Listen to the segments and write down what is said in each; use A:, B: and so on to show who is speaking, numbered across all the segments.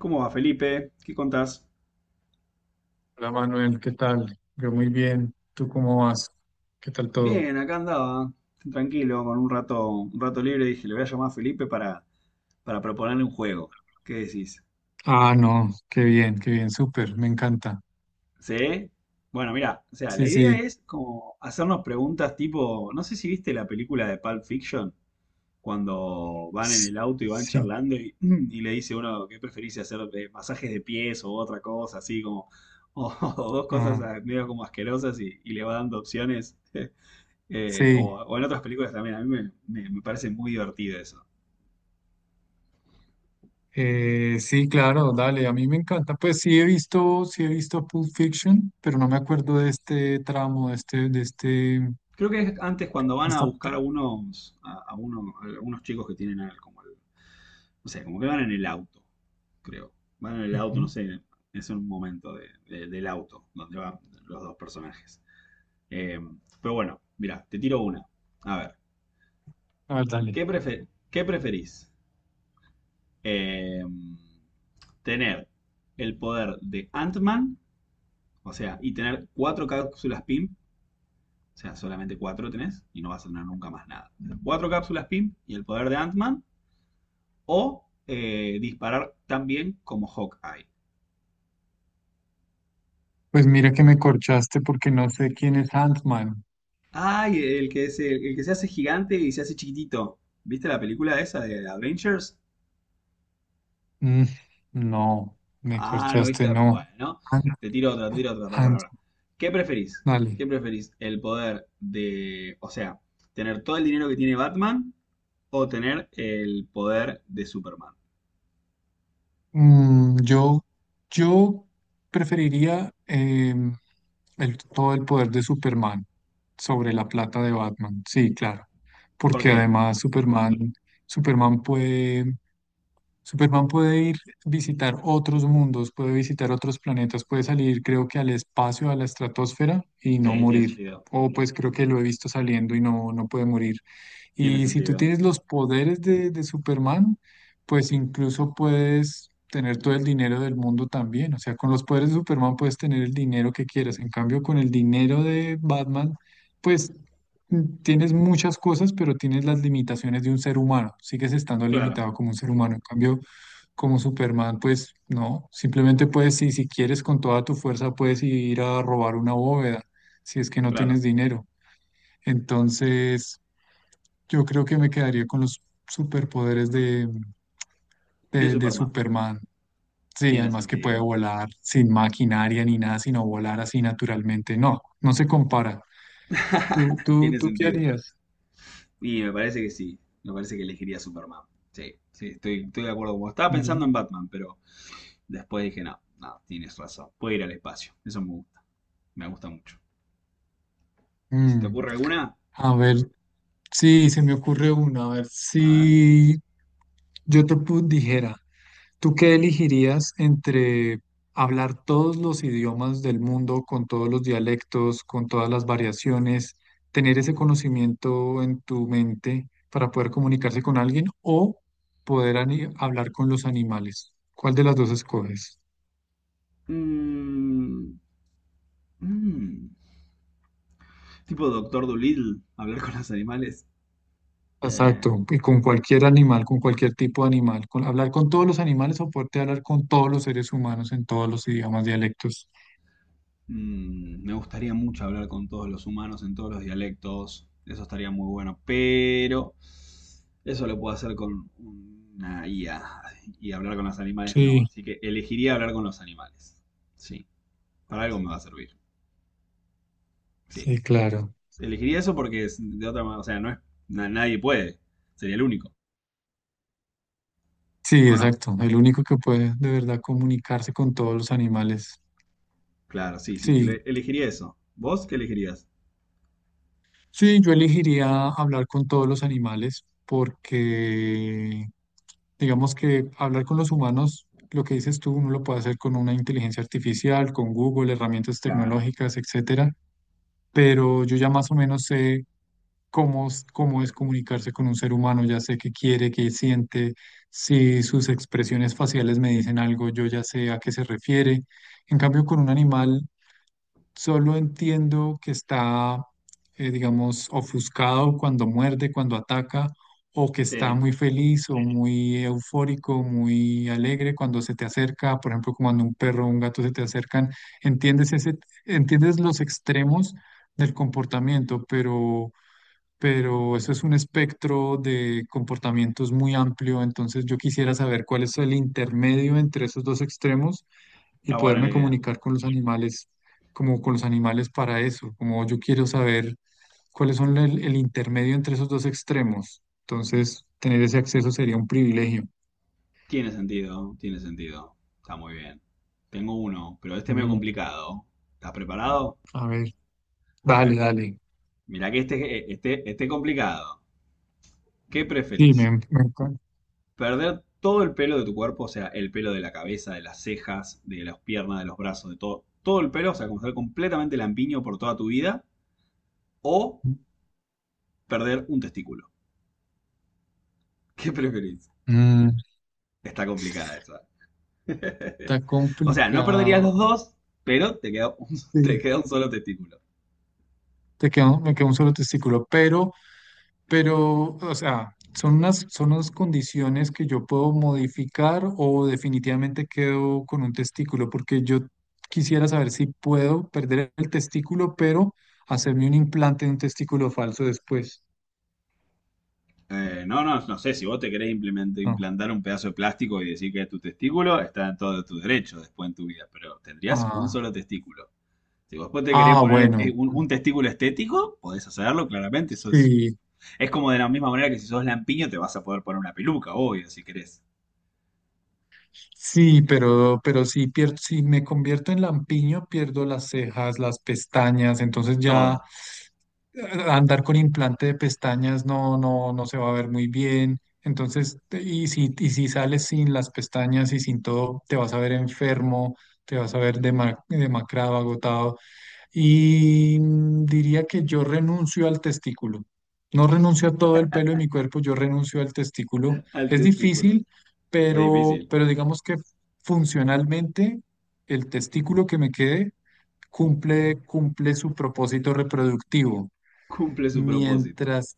A: ¿Cómo va, Felipe? ¿Qué contás?
B: Hola Manuel, ¿qué tal? Yo muy bien. ¿Tú cómo vas? ¿Qué tal todo?
A: Bien, acá andaba, tranquilo, con un rato libre, dije, le voy a llamar a Felipe para proponerle un juego. ¿Qué decís?
B: Ah, no, qué bien, súper, me encanta.
A: ¿Sí? Bueno, mira, o sea, la
B: Sí,
A: idea
B: sí,
A: es como hacernos preguntas tipo, no sé si viste la película de Pulp Fiction, cuando van en
B: s-
A: el auto y van
B: sí,
A: charlando y le dice uno, ¿qué preferís hacer? ¿Masajes de pies o otra cosa? Así como, o, dos cosas
B: ah,
A: medio como asquerosas y le va dando opciones.
B: sí,
A: O en otras películas también. A mí me parece muy divertido eso.
B: sí, claro, dale, a mí me encanta. Pues sí he visto Pulp Fiction, pero no me acuerdo de este tramo, de este, de este, de
A: Creo que es antes cuando van a
B: esta...
A: buscar a a a algunos chicos que tienen como no sé, como que van en el auto, creo. Van en el auto, no
B: Ujú.
A: sé, es un momento del auto donde van los dos personajes. Eh, pero bueno, mira, te tiro una. A ver,
B: A ver, dale.
A: ¿qué preferís? Eh, tener el poder de Ant-Man, o sea, y tener cuatro cápsulas PIM. O sea, solamente cuatro tenés y no vas a tener nunca más nada. Cuatro cápsulas PIM y el poder de Ant-Man o disparar tan bien como Hawkeye.
B: Pues mira que me corchaste porque no sé quién es Ant-Man.
A: Ay, el que se hace gigante y se hace chiquitito. ¿Viste la película esa de Avengers?
B: Mm, no, me
A: Ah, no
B: corchaste,
A: viste.
B: no.
A: Bueno,
B: An-
A: te tiro otra, te tiro otra. Para,
B: an-
A: para. ¿Qué preferís?
B: Dale.
A: ¿Qué preferís? ¿El poder de? O sea, tener todo el dinero que tiene Batman o tener el poder de Superman?
B: Mm, yo preferiría em, el- todo el poder de Superman sobre la plata de Batman. Sí, claro.
A: ¿Por
B: Porque
A: qué?
B: además Superman puede, Superman puede ir visitar otros mundos, puede visitar otros planetas, puede salir, creo que al espacio, a la estratosfera y no
A: Sí, tiene
B: morir.
A: sentido.
B: O pues creo que lo he visto saliendo y no, no puede morir.
A: Tiene
B: Y si tú
A: sentido.
B: tienes los poderes de Superman, pues incluso puedes tener todo el dinero del mundo también. O sea, con los poderes de Superman puedes tener el dinero que quieras. En cambio, con el dinero de Batman, pues mm, tienes muchas cosas, pero tienes las limitaciones de un ser humano. Sigues estando
A: Claro.
B: limitado como un ser humano. En cambio, como Superman, pues no. Simplemente puedes, si, si quieres, con toda tu fuerza, puedes ir a robar una bóveda, si es que no
A: Claro,
B: tienes dinero. Entonces, yo creo que me quedaría con los superpoderes de,
A: de
B: de
A: Superman.
B: Superman. Sí,
A: Tiene
B: además que puede
A: sentido.
B: volar sin maquinaria ni nada, sino volar así naturalmente. No, no se compara.
A: Tiene
B: ¿Tú qué
A: sentido.
B: harías?
A: Y me parece que sí. Me parece que elegiría Superman. Sí, sí, estoy de acuerdo con vos. Estaba pensando
B: Bien.
A: en Batman, pero después dije, no, no, tienes razón. Puede ir al espacio. Eso me gusta. Me gusta mucho. ¿Y si te
B: Mm,
A: ocurre alguna?
B: a ver, sí, se me ocurre una. A ver,
A: A ver.
B: si yo dijera, ¿tú qué elegirías entre hablar todos los idiomas del mundo, con todos los dialectos, con todas las variaciones, tener ese conocimiento en tu mente para poder comunicarse con alguien o hablar con los animales? ¿Cuál de las dos escoges?
A: Mm, mm. Tipo Doctor Dolittle, hablar con los animales. Eh,
B: Exacto, y con cualquier animal, con cualquier tipo de animal, con, hablar con todos los animales o poderte hablar con todos los seres humanos en todos los idiomas, dialectos.
A: Mm, me gustaría mucho hablar con todos los humanos en todos los dialectos. Eso estaría muy bueno. Pero eso lo puedo hacer con una IA. Y hablar con los animales no.
B: Sí,
A: Así que elegiría hablar con los animales. Sí. Para algo me va a servir. Sí.
B: sí, claro.
A: Elegiría eso porque es de otra manera. O sea, no es, nadie puede. Sería el único.
B: Sí,
A: ¿O no?
B: exacto. El único que puede de verdad comunicarse con todos los animales.
A: Claro, sí, sí.
B: Sí,
A: Elegiría eso. ¿Vos qué elegirías?
B: sí, yo elegiría hablar con todos los animales porque digamos que hablar con los humanos, lo que dices tú, uno lo puede hacer con una inteligencia artificial, con Google, herramientas
A: Claro.
B: tecnológicas, etcétera. Pero yo ya más o menos sé cómo es comunicarse con un ser humano, ya sé qué quiere, qué siente, si sus expresiones faciales me dicen algo, yo ya sé a qué se refiere. En cambio, con un animal solo entiendo que está, digamos, ofuscado cuando muerde, cuando ataca, o que está
A: Sí.
B: muy feliz o muy eufórico, muy alegre cuando se te acerca, por ejemplo, como cuando un perro o un gato se te acercan. Entiendes ese, Entiendes los extremos del comportamiento, pero eso es un espectro de comportamientos muy amplio, entonces yo quisiera saber cuál es el intermedio entre esos dos extremos y
A: Está buena la
B: poderme
A: idea.
B: comunicar con los animales, como con los animales para eso, como yo quiero saber cuáles son el intermedio entre esos dos extremos, entonces tener ese acceso sería un privilegio.
A: Tiene sentido, tiene sentido. Está muy bien. Tengo uno, pero este es medio
B: Mm,
A: complicado. ¿Estás preparado?
B: a ver,
A: A
B: dale,
A: ver,
B: dale.
A: mira que este complicado. ¿Qué
B: Sí,
A: preferís?
B: me encanta.
A: ¿Perder todo el pelo de tu cuerpo? O sea, el pelo de la cabeza, de las cejas, de las piernas, de los brazos, de todo. Todo el pelo, o sea, como estar completamente lampiño por toda tu vida. O perder un testículo. ¿Qué preferís?
B: Mm,
A: Está complicada esa.
B: está
A: O sea, no perderías
B: complicado.
A: los dos, pero te queda un, te
B: Sí,
A: queda un solo testículo.
B: te queda, me queda un solo testículo, pero... Pero, o sea, son unas condiciones que yo puedo modificar o definitivamente quedo con un testículo, porque yo quisiera saber si puedo perder el testículo, pero hacerme un implante de un testículo falso después.
A: No sé, si vos te querés
B: No.
A: implantar un pedazo de plástico y decir que es tu testículo, está en todo tu derecho después en tu vida, pero tendrías un
B: Ah,
A: solo testículo. Si vos después te querés
B: ah,
A: poner
B: bueno.
A: un testículo estético, podés hacerlo, claramente. Eso
B: Sí,
A: es como de la misma manera que si sos lampiño te vas a poder poner una peluca, obvio, si querés.
B: sí, pero, pierdo, si me convierto en lampiño, pierdo las cejas, las pestañas, entonces ya
A: Todo
B: eh, andar con implante de pestañas no, no, no se va a ver muy bien. Entonces, y si sales sin las pestañas y sin todo, te vas a ver enfermo, te vas a ver demacrado, agotado. Y mm, diría que yo renuncio al testículo. No renuncio a todo el pelo de mi cuerpo, yo renuncio al testículo.
A: al
B: Es
A: testículo.
B: difícil,
A: Es difícil.
B: pero digamos que funcionalmente el testículo que me quede cumple, cumple su propósito reproductivo.
A: Cumple su propósito.
B: Mientras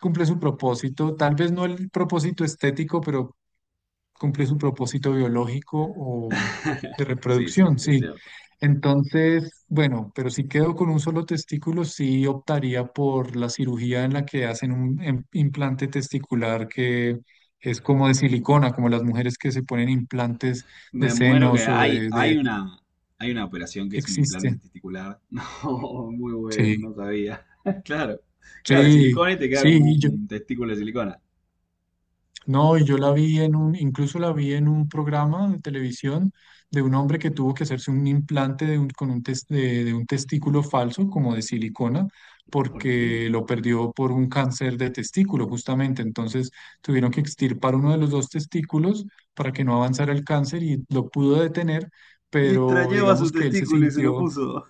B: cumple su propósito, tal vez no el propósito estético, pero cumple su propósito biológico de
A: Sí, sí,
B: reproducción,
A: es
B: sí.
A: cierto.
B: Entonces, bueno, pero si quedo con un solo testículo, sí optaría por la cirugía en la que hacen un implante testicular que es como de silicona, como las mujeres que se ponen implantes de
A: Me muero que
B: senos de-
A: hay una operación que es un implante
B: existe.
A: testicular. No, muy bueno,
B: Sí,
A: no sabía. Claro, claro, de
B: sí,
A: silicona y te queda
B: sí.
A: como un testículo de silicona.
B: No, y yo la vi en un, incluso la vi en un programa de televisión de un hombre que tuvo que hacerse un implante de un, con un de un testículo falso, como de silicona,
A: ¿Por
B: porque
A: qué?
B: lo perdió por un cáncer de testículo, justamente. Entonces tuvieron que extirpar uno de los dos testículos para que no avanzara el cáncer y lo pudo detener,
A: Y
B: pero
A: extrañaba su
B: digamos que él se
A: testículo y se lo
B: sintió,
A: puso.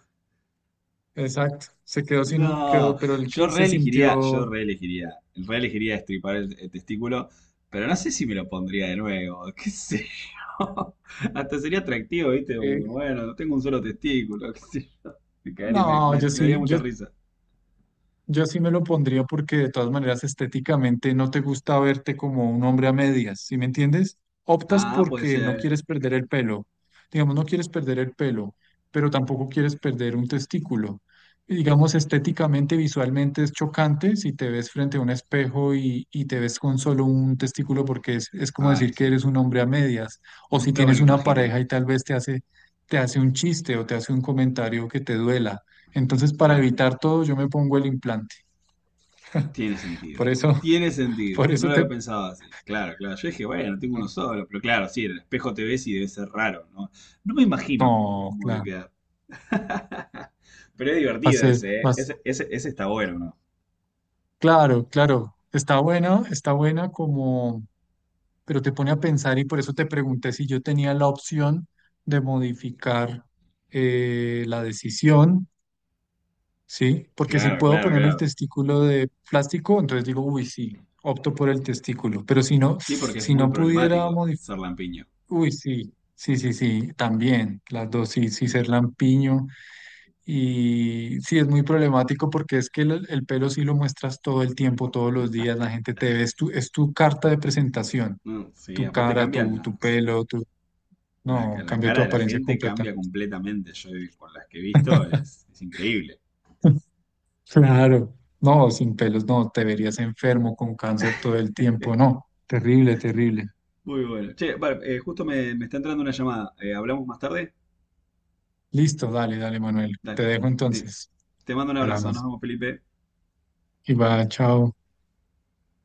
B: exacto, se quedó sin un,
A: No,
B: quedó, pero él que se sintió,
A: reelegiría estripar el testículo, pero no sé si me lo pondría de nuevo, qué sé yo. Hasta sería atractivo, ¿viste? Como,
B: eh,
A: bueno, tengo un solo testículo, qué sé yo. Me, cagaría- me
B: no,
A: me-
B: yo
A: me daría
B: sí,
A: mucha risa.
B: yo sí me lo pondría porque de todas maneras estéticamente no te gusta verte como un hombre a medias, ¿sí me entiendes? Optas
A: Ah, puede
B: porque no
A: ser.
B: quieres perder el pelo, digamos, no quieres perder el pelo, pero tampoco quieres perder un testículo. Y digamos, estéticamente, visualmente es chocante si te ves frente a un espejo y te ves con solo un testículo porque es como
A: Ay,
B: decir que
A: sí.
B: eres un hombre a medias, o si
A: Nunca me lo
B: tienes una
A: imaginé.
B: pareja y tal vez te hace un chiste o te hace un comentario que te duela. Entonces, para
A: Claro,
B: evitar todo, yo me pongo el implante.
A: tiene
B: Por
A: sentido.
B: eso,
A: Tiene sentido.
B: por
A: No
B: eso
A: lo
B: te...
A: había pensado así. Claro, claro. Yo dije, bueno, tengo uno solo. Pero claro, sí, en el espejo te ves y debe ser raro, ¿no? No me imagino
B: No,
A: cómo debe
B: claro,
A: quedar. Pero es
B: va a
A: divertido
B: ser
A: ese, ¿eh?
B: más...
A: Ese está bueno, ¿no?
B: Claro, claro, está buena como... Pero te pone a pensar y por eso te pregunté si yo tenía la opción de modificar la decisión, ¿sí? Porque si
A: Claro,
B: puedo
A: claro,
B: ponerme el
A: claro.
B: testículo de plástico, entonces digo, uy, sí, opto por el testículo. Pero si no,
A: Sí, porque es
B: si
A: muy
B: no pudiera
A: problemático
B: modificar
A: ser lampiño.
B: uy, sí, sí, sí, sí, también, las dos, sí, sí, ser lampiño. Y sí, es muy problemático porque es que el pelo sí lo muestras todo el tiempo, todos los días, la gente te ve, es tu carta de presentación,
A: Mm, sí,
B: tu
A: aparte
B: cara,
A: cambian
B: tu pelo, tu... No,
A: la
B: cambia tu
A: cara de la
B: apariencia
A: gente
B: completa.
A: cambia completamente. Con las que he visto es increíble.
B: Claro. No, sin pelos, no, te verías enfermo con cáncer todo el tiempo, no, terrible, terrible.
A: Muy bueno. Che, vale, justo me está entrando una llamada. ¿Hablamos más tarde?
B: Listo, dale, dale, Manuel, te
A: Dale.
B: dejo
A: Te,
B: entonces,
A: te mando un abrazo. Nos
B: hablamos.
A: vemos, Felipe.
B: Y va, chao.